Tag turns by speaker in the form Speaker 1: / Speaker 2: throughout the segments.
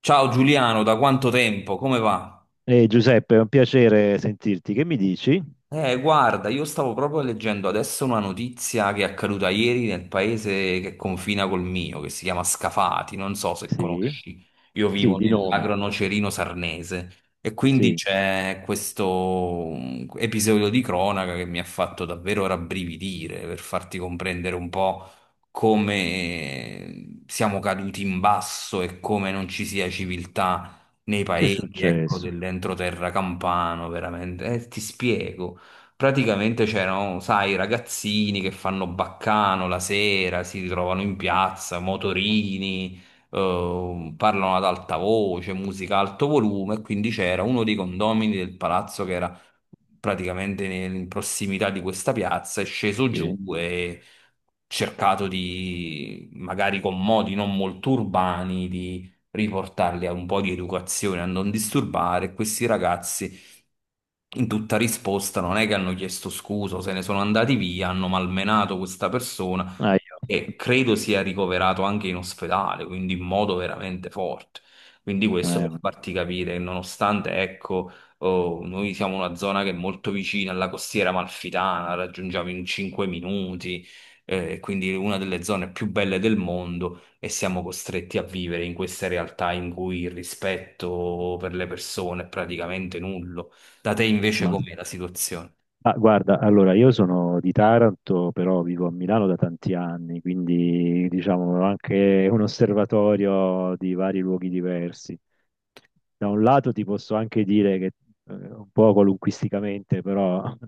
Speaker 1: Ciao Giuliano, da quanto tempo? Come va?
Speaker 2: Giuseppe, è un piacere sentirti. Che mi dici?
Speaker 1: Guarda, io stavo proprio leggendo adesso una notizia che è accaduta ieri nel paese che confina col mio, che si chiama Scafati, non so se
Speaker 2: Sì,
Speaker 1: conosci. Io
Speaker 2: sì,
Speaker 1: vivo
Speaker 2: di nome.
Speaker 1: nell'agro nocerino sarnese e quindi
Speaker 2: Sì.
Speaker 1: c'è questo episodio di cronaca che mi ha fatto davvero rabbrividire per farti comprendere un po' come siamo caduti in basso e come non ci sia civiltà nei
Speaker 2: Che è
Speaker 1: paesi, ecco,
Speaker 2: successo?
Speaker 1: dell'entroterra campano, veramente. Ti spiego. Praticamente c'erano, sai, i ragazzini che fanno baccano la sera, si ritrovano in piazza, motorini, parlano ad alta voce, musica a alto volume, e quindi c'era uno dei condomini del palazzo che era praticamente in prossimità di questa piazza, è sceso giù
Speaker 2: Sì.
Speaker 1: e cercato di, magari con modi non molto urbani, di riportarli a un po' di educazione, a non disturbare questi ragazzi in tutta risposta non è che hanno chiesto scusa, o se ne sono andati via, hanno malmenato questa persona
Speaker 2: Ah,
Speaker 1: e credo sia ricoverato anche in ospedale, quindi in modo veramente forte. Quindi
Speaker 2: io-
Speaker 1: questo per
Speaker 2: eh,
Speaker 1: farti capire che nonostante, ecco, oh, noi siamo una zona che è molto vicina alla costiera amalfitana, la raggiungiamo in 5 minuti, quindi una delle zone più belle del mondo e siamo costretti a vivere in queste realtà in cui il rispetto per le persone è praticamente nullo. Da te invece
Speaker 2: ma
Speaker 1: com'è la situazione?
Speaker 2: Ma guarda, allora io sono di Taranto, però vivo a Milano da tanti anni, quindi diciamo ho anche un osservatorio di vari luoghi diversi. Da un lato ti posso anche dire che, un po' qualunquisticamente, però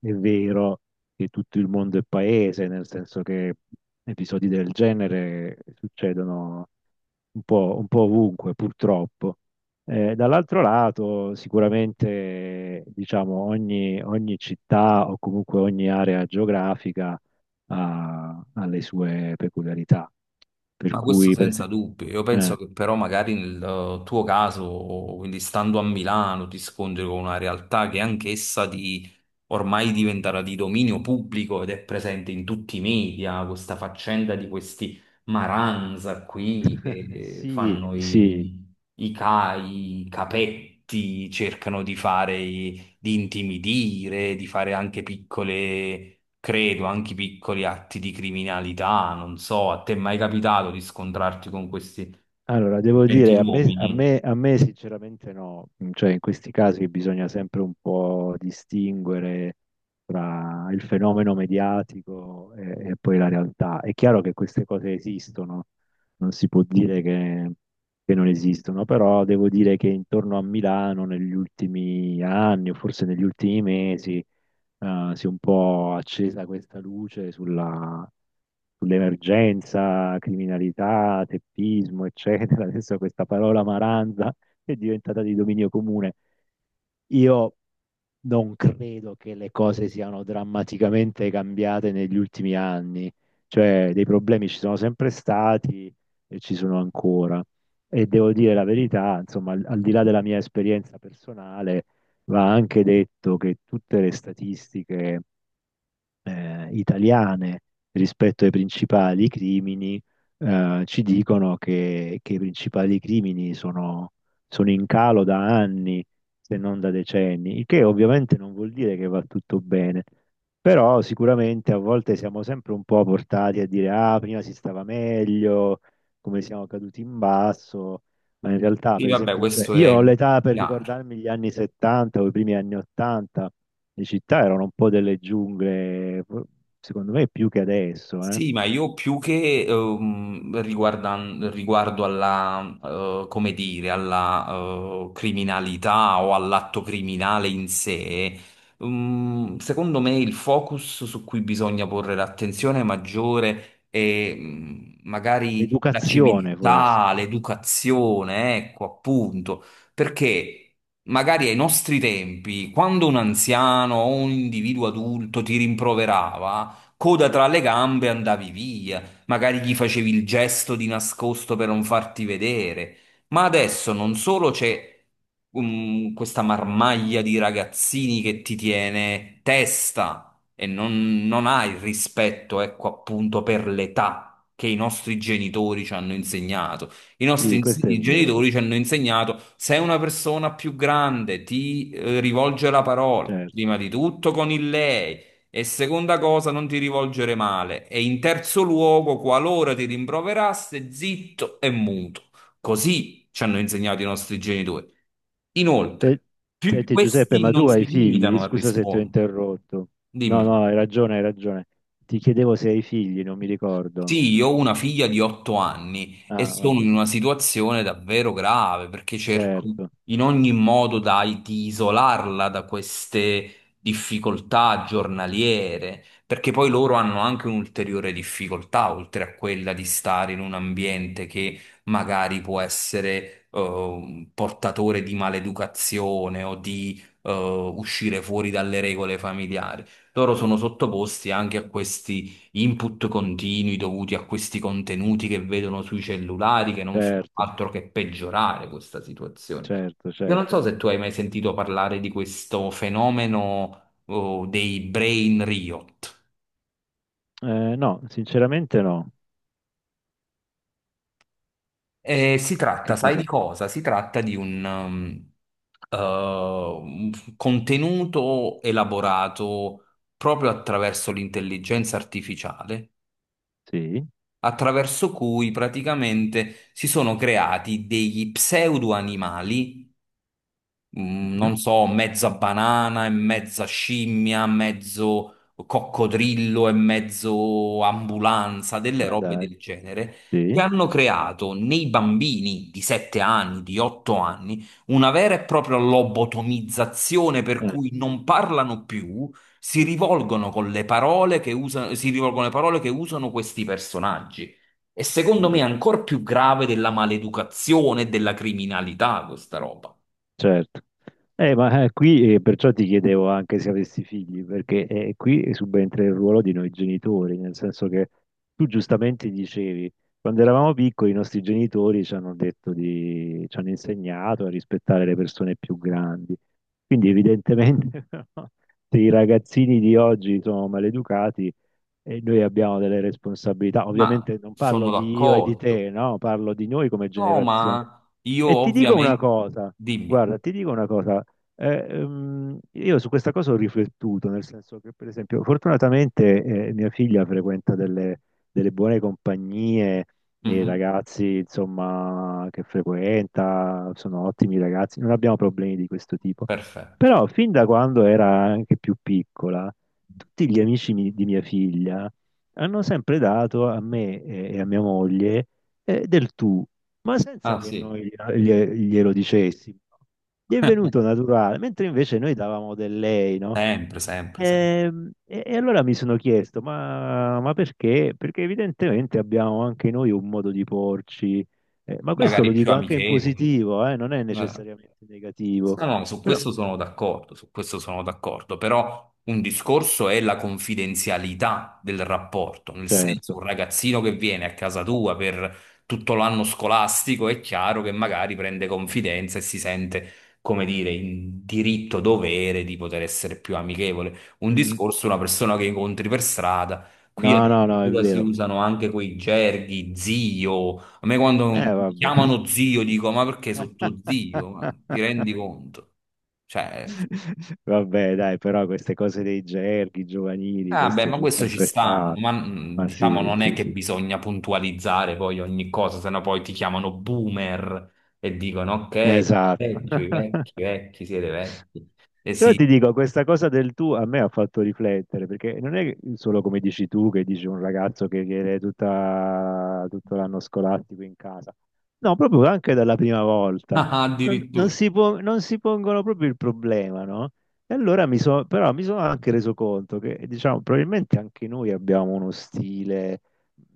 Speaker 2: è vero che tutto il mondo è paese, nel senso che episodi del genere succedono un po' ovunque, purtroppo. Dall'altro lato, sicuramente, diciamo, ogni città o comunque ogni area geografica ha le sue peculiarità. Per
Speaker 1: Ma questo
Speaker 2: cui, per
Speaker 1: senza
Speaker 2: esempio,
Speaker 1: dubbio. Io penso
Speaker 2: eh,
Speaker 1: che però magari nel tuo caso, quindi stando a Milano, ti scontri con una realtà che anch'essa di ormai diventerà di dominio pubblico ed è presente in tutti i media, questa faccenda di questi Maranza qui che
Speaker 2: sì,
Speaker 1: fanno
Speaker 2: sì.
Speaker 1: i CAI, i capetti, cercano di fare, di intimidire, di fare anche piccole credo, anche piccoli atti di criminalità, non so, a te è mai capitato di scontrarti con questi
Speaker 2: Allora, devo dire,
Speaker 1: gentiluomini?
Speaker 2: a me sinceramente no. Mm, cioè in questi casi bisogna sempre un po' distinguere tra il fenomeno mediatico e poi la realtà. È chiaro che queste cose esistono, non si può dire che non esistono, però devo dire che intorno a Milano negli ultimi anni o forse negli ultimi mesi si è un po' accesa questa luce sulla sull'emergenza, criminalità, teppismo, eccetera. Adesso questa parola maranza è diventata di dominio comune. Io non credo che le cose siano drammaticamente cambiate negli ultimi anni, cioè dei problemi ci sono sempre stati e ci sono ancora. E devo dire la verità, insomma, al di là della mia esperienza personale, va anche detto che tutte le statistiche italiane rispetto ai principali crimini, ci dicono che i principali crimini sono in calo da anni, se non da decenni, il che ovviamente non vuol dire che va tutto bene. Però sicuramente a volte siamo sempre un po' portati a dire, ah, prima si stava meglio, come siamo caduti in basso, ma in realtà,
Speaker 1: Sì,
Speaker 2: per
Speaker 1: vabbè,
Speaker 2: esempio, cioè,
Speaker 1: questo
Speaker 2: io
Speaker 1: è
Speaker 2: ho l'età per
Speaker 1: chiaro.
Speaker 2: ricordarmi gli anni 70 o i primi anni 80, le città erano un po' delle giungle, secondo me più che adesso, eh.
Speaker 1: Sì, ma io più che riguardo alla, come dire, alla criminalità o all'atto criminale in sé, secondo me il focus su cui bisogna porre l'attenzione maggiore è magari la
Speaker 2: L'educazione forse,
Speaker 1: civiltà, l'educazione, ecco appunto, perché... Magari ai nostri tempi, quando un anziano o un individuo adulto ti rimproverava, coda tra le gambe, andavi via, magari gli facevi il gesto di nascosto per non farti vedere. Ma adesso non solo c'è questa marmaglia di ragazzini che ti tiene testa e non hai il rispetto, ecco appunto, per l'età che i nostri genitori ci hanno insegnato. I nostri
Speaker 2: sì,
Speaker 1: ins-
Speaker 2: questo è
Speaker 1: i
Speaker 2: vero,
Speaker 1: genitori ci hanno insegnato se una persona più grande ti rivolge la parola,
Speaker 2: certo.
Speaker 1: prima di tutto con il lei. E seconda cosa, non ti rivolgere male. E in terzo luogo, qualora ti rimproverasse, zitto e muto. Così ci hanno insegnato i nostri genitori.
Speaker 2: Se-
Speaker 1: Inoltre,
Speaker 2: Senti Giuseppe,
Speaker 1: questi
Speaker 2: ma
Speaker 1: non
Speaker 2: tu hai
Speaker 1: si
Speaker 2: figli?
Speaker 1: limitano a
Speaker 2: Scusa se ti ho
Speaker 1: rispondere.
Speaker 2: interrotto. No,
Speaker 1: Dimmi.
Speaker 2: no, hai ragione, hai ragione. Ti chiedevo se hai figli, non mi ricordo.
Speaker 1: Sì, io ho una figlia di 8 anni e
Speaker 2: Ah,
Speaker 1: sono
Speaker 2: vabbè,
Speaker 1: in una situazione davvero grave perché cerco
Speaker 2: certo,
Speaker 1: in ogni modo di isolarla da queste difficoltà giornaliere, perché poi loro hanno anche un'ulteriore difficoltà, oltre a quella di stare in un ambiente che magari può essere un portatore di maleducazione o di uscire fuori dalle regole familiari. Loro sono sottoposti anche a questi input continui dovuti a questi contenuti che vedono sui cellulari che non fanno
Speaker 2: certo,
Speaker 1: altro che peggiorare questa situazione.
Speaker 2: certo,
Speaker 1: Io non
Speaker 2: certo.
Speaker 1: so se tu hai mai sentito parlare di questo fenomeno, oh, dei brain riot.
Speaker 2: No, sinceramente no.
Speaker 1: Si
Speaker 2: Che
Speaker 1: tratta, sai di
Speaker 2: cos'è?
Speaker 1: cosa? Si tratta di un, un contenuto elaborato proprio attraverso l'intelligenza artificiale
Speaker 2: Sì,
Speaker 1: attraverso cui praticamente si sono creati degli pseudo-animali
Speaker 2: mhm.
Speaker 1: non so, mezza banana e mezza scimmia, mezzo coccodrillo e mezzo ambulanza, delle
Speaker 2: Ma
Speaker 1: robe
Speaker 2: dai,
Speaker 1: del genere, che
Speaker 2: sì.
Speaker 1: hanno creato nei bambini di 7 anni, di 8 anni, una vera e propria lobotomizzazione per
Speaker 2: eh,
Speaker 1: cui non parlano più, si rivolgono con le parole che usano, si rivolgono le parole che usano questi personaggi. E secondo me è
Speaker 2: mhm.
Speaker 1: ancora più grave della maleducazione e della criminalità questa roba.
Speaker 2: Certo. Ma qui Perciò ti chiedevo anche se avessi figli, perché qui subentra il ruolo di noi genitori, nel senso che tu giustamente dicevi, quando eravamo piccoli i nostri genitori ci hanno ci hanno insegnato a rispettare le persone più grandi. Quindi evidentemente no, se i ragazzini di oggi sono maleducati e noi abbiamo delle responsabilità.
Speaker 1: Ma
Speaker 2: Ovviamente non
Speaker 1: sono
Speaker 2: parlo di io e di te,
Speaker 1: d'accordo.
Speaker 2: no? Parlo di noi come
Speaker 1: No, ma
Speaker 2: generazione.
Speaker 1: io
Speaker 2: E ti dico una
Speaker 1: ovviamente...
Speaker 2: cosa.
Speaker 1: Dimmi.
Speaker 2: Guarda, ti dico una cosa, io su questa cosa ho riflettuto, nel senso che per esempio fortunatamente mia figlia frequenta delle buone compagnie, i
Speaker 1: Mhm.
Speaker 2: ragazzi insomma che frequenta sono ottimi ragazzi, non abbiamo problemi di questo tipo,
Speaker 1: Perfetto.
Speaker 2: però fin da quando era anche più piccola, tutti gli di mia figlia hanno sempre dato a me e a mia moglie del tu ma senza
Speaker 1: Ah
Speaker 2: che
Speaker 1: sì,
Speaker 2: noi glielo dicessimo. No? Gli è venuto naturale, mentre invece noi davamo del lei, no?
Speaker 1: sempre, sempre, sempre.
Speaker 2: E allora mi sono chiesto, ma perché? Perché evidentemente abbiamo anche noi un modo di porci, ma questo lo
Speaker 1: Magari più
Speaker 2: dico anche in
Speaker 1: amichevole.
Speaker 2: positivo, non è
Speaker 1: Eh,
Speaker 2: necessariamente negativo,
Speaker 1: No, no, su
Speaker 2: però
Speaker 1: questo sono d'accordo, su questo sono d'accordo, però un discorso è la confidenzialità del rapporto, nel senso
Speaker 2: certo.
Speaker 1: un ragazzino che viene a casa tua per tutto l'anno scolastico è chiaro che magari prende confidenza e si sente, come dire, in diritto dovere di poter essere più amichevole. Un
Speaker 2: Mm.
Speaker 1: discorso è una persona che incontri per strada, qui
Speaker 2: No, no, no, è
Speaker 1: addirittura si
Speaker 2: vero.
Speaker 1: usano anche quei gerghi, zio. A me quando mi
Speaker 2: Vabbè.
Speaker 1: chiamano zio dico, ma perché sono tuo zio? Ma ti rendi conto? Cioè,
Speaker 2: Vabbè, dai, però queste cose dei gerghi giovanili,
Speaker 1: ah beh,
Speaker 2: questo
Speaker 1: ma
Speaker 2: c'è
Speaker 1: questo ci
Speaker 2: sempre
Speaker 1: stanno,
Speaker 2: stato.
Speaker 1: ma
Speaker 2: Ma
Speaker 1: diciamo
Speaker 2: sì,
Speaker 1: non è
Speaker 2: sì,
Speaker 1: che
Speaker 2: sì.
Speaker 1: bisogna puntualizzare poi ogni cosa, sennò poi ti chiamano boomer e dicono, ok,
Speaker 2: Esatto.
Speaker 1: vecchio, i vecchi, siete vecchi. E
Speaker 2: Però
Speaker 1: sì,
Speaker 2: ti dico, questa cosa del tu a me ha fatto riflettere, perché non è solo come dici tu, che dici un ragazzo che viene tutto l'anno scolastico in casa, no, proprio anche dalla prima volta.
Speaker 1: ah, addirittura.
Speaker 2: Non si pongono proprio il problema, no? E allora mi sono, però mi sono anche reso conto che, diciamo, probabilmente anche noi abbiamo uno stile,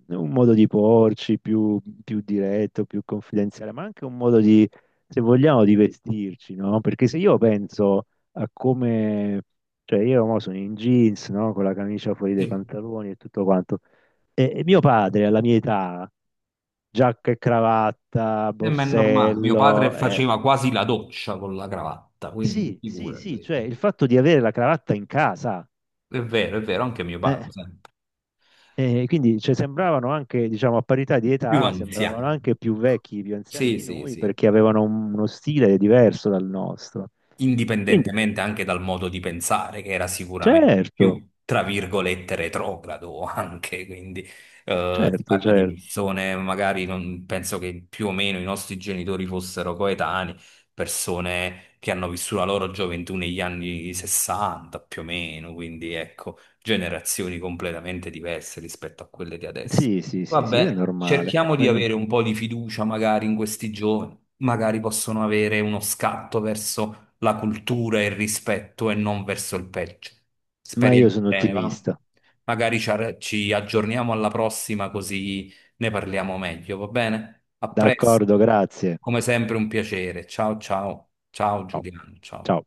Speaker 2: un modo di porci più diretto, più confidenziale, ma anche un modo di, se vogliamo, di vestirci, no? Perché se io penso a come, cioè io mo sono in jeans, no? Con la camicia fuori dai
Speaker 1: Sì.
Speaker 2: pantaloni e tutto quanto. E mio padre, alla mia età, giacca e cravatta,
Speaker 1: Ma è normale, mio padre
Speaker 2: borsello,
Speaker 1: faceva quasi la doccia con la cravatta, quindi
Speaker 2: sì, sì, sì,
Speaker 1: figurati.
Speaker 2: cioè il fatto di avere la cravatta in casa,
Speaker 1: È vero, anche mio
Speaker 2: eh,
Speaker 1: padre, sempre.
Speaker 2: e quindi cioè, sembravano anche, diciamo, a parità di
Speaker 1: Più
Speaker 2: età, sembravano
Speaker 1: anziano.
Speaker 2: anche più vecchi, più anziani
Speaker 1: Sì,
Speaker 2: di
Speaker 1: sì,
Speaker 2: noi,
Speaker 1: sì,
Speaker 2: perché avevano uno stile diverso dal nostro. Quindi,
Speaker 1: indipendentemente anche dal modo di pensare, che era sicuramente
Speaker 2: certo,
Speaker 1: più, tra virgolette, retrogrado anche, quindi si
Speaker 2: certo,
Speaker 1: parla di
Speaker 2: certo.
Speaker 1: persone, magari non, penso che più o meno i nostri genitori fossero coetanei, persone che hanno vissuto la loro gioventù negli anni 60, più o meno, quindi ecco, generazioni completamente diverse rispetto a quelle di adesso.
Speaker 2: Sì, sì, sì, sì, è
Speaker 1: Vabbè,
Speaker 2: normale.
Speaker 1: cerchiamo di
Speaker 2: Ogni-
Speaker 1: avere un po' di fiducia magari in questi giovani, magari possono avere uno scatto verso la cultura e il rispetto e non verso il peggio.
Speaker 2: Ma io
Speaker 1: Speriamo
Speaker 2: sono
Speaker 1: bene, va?
Speaker 2: ottimista.
Speaker 1: Magari ci aggiorniamo alla prossima così ne parliamo meglio, va bene? A presto,
Speaker 2: D'accordo, grazie.
Speaker 1: come sempre un piacere. Ciao ciao, ciao
Speaker 2: Ciao.
Speaker 1: Giuliano, ciao.
Speaker 2: Ciao.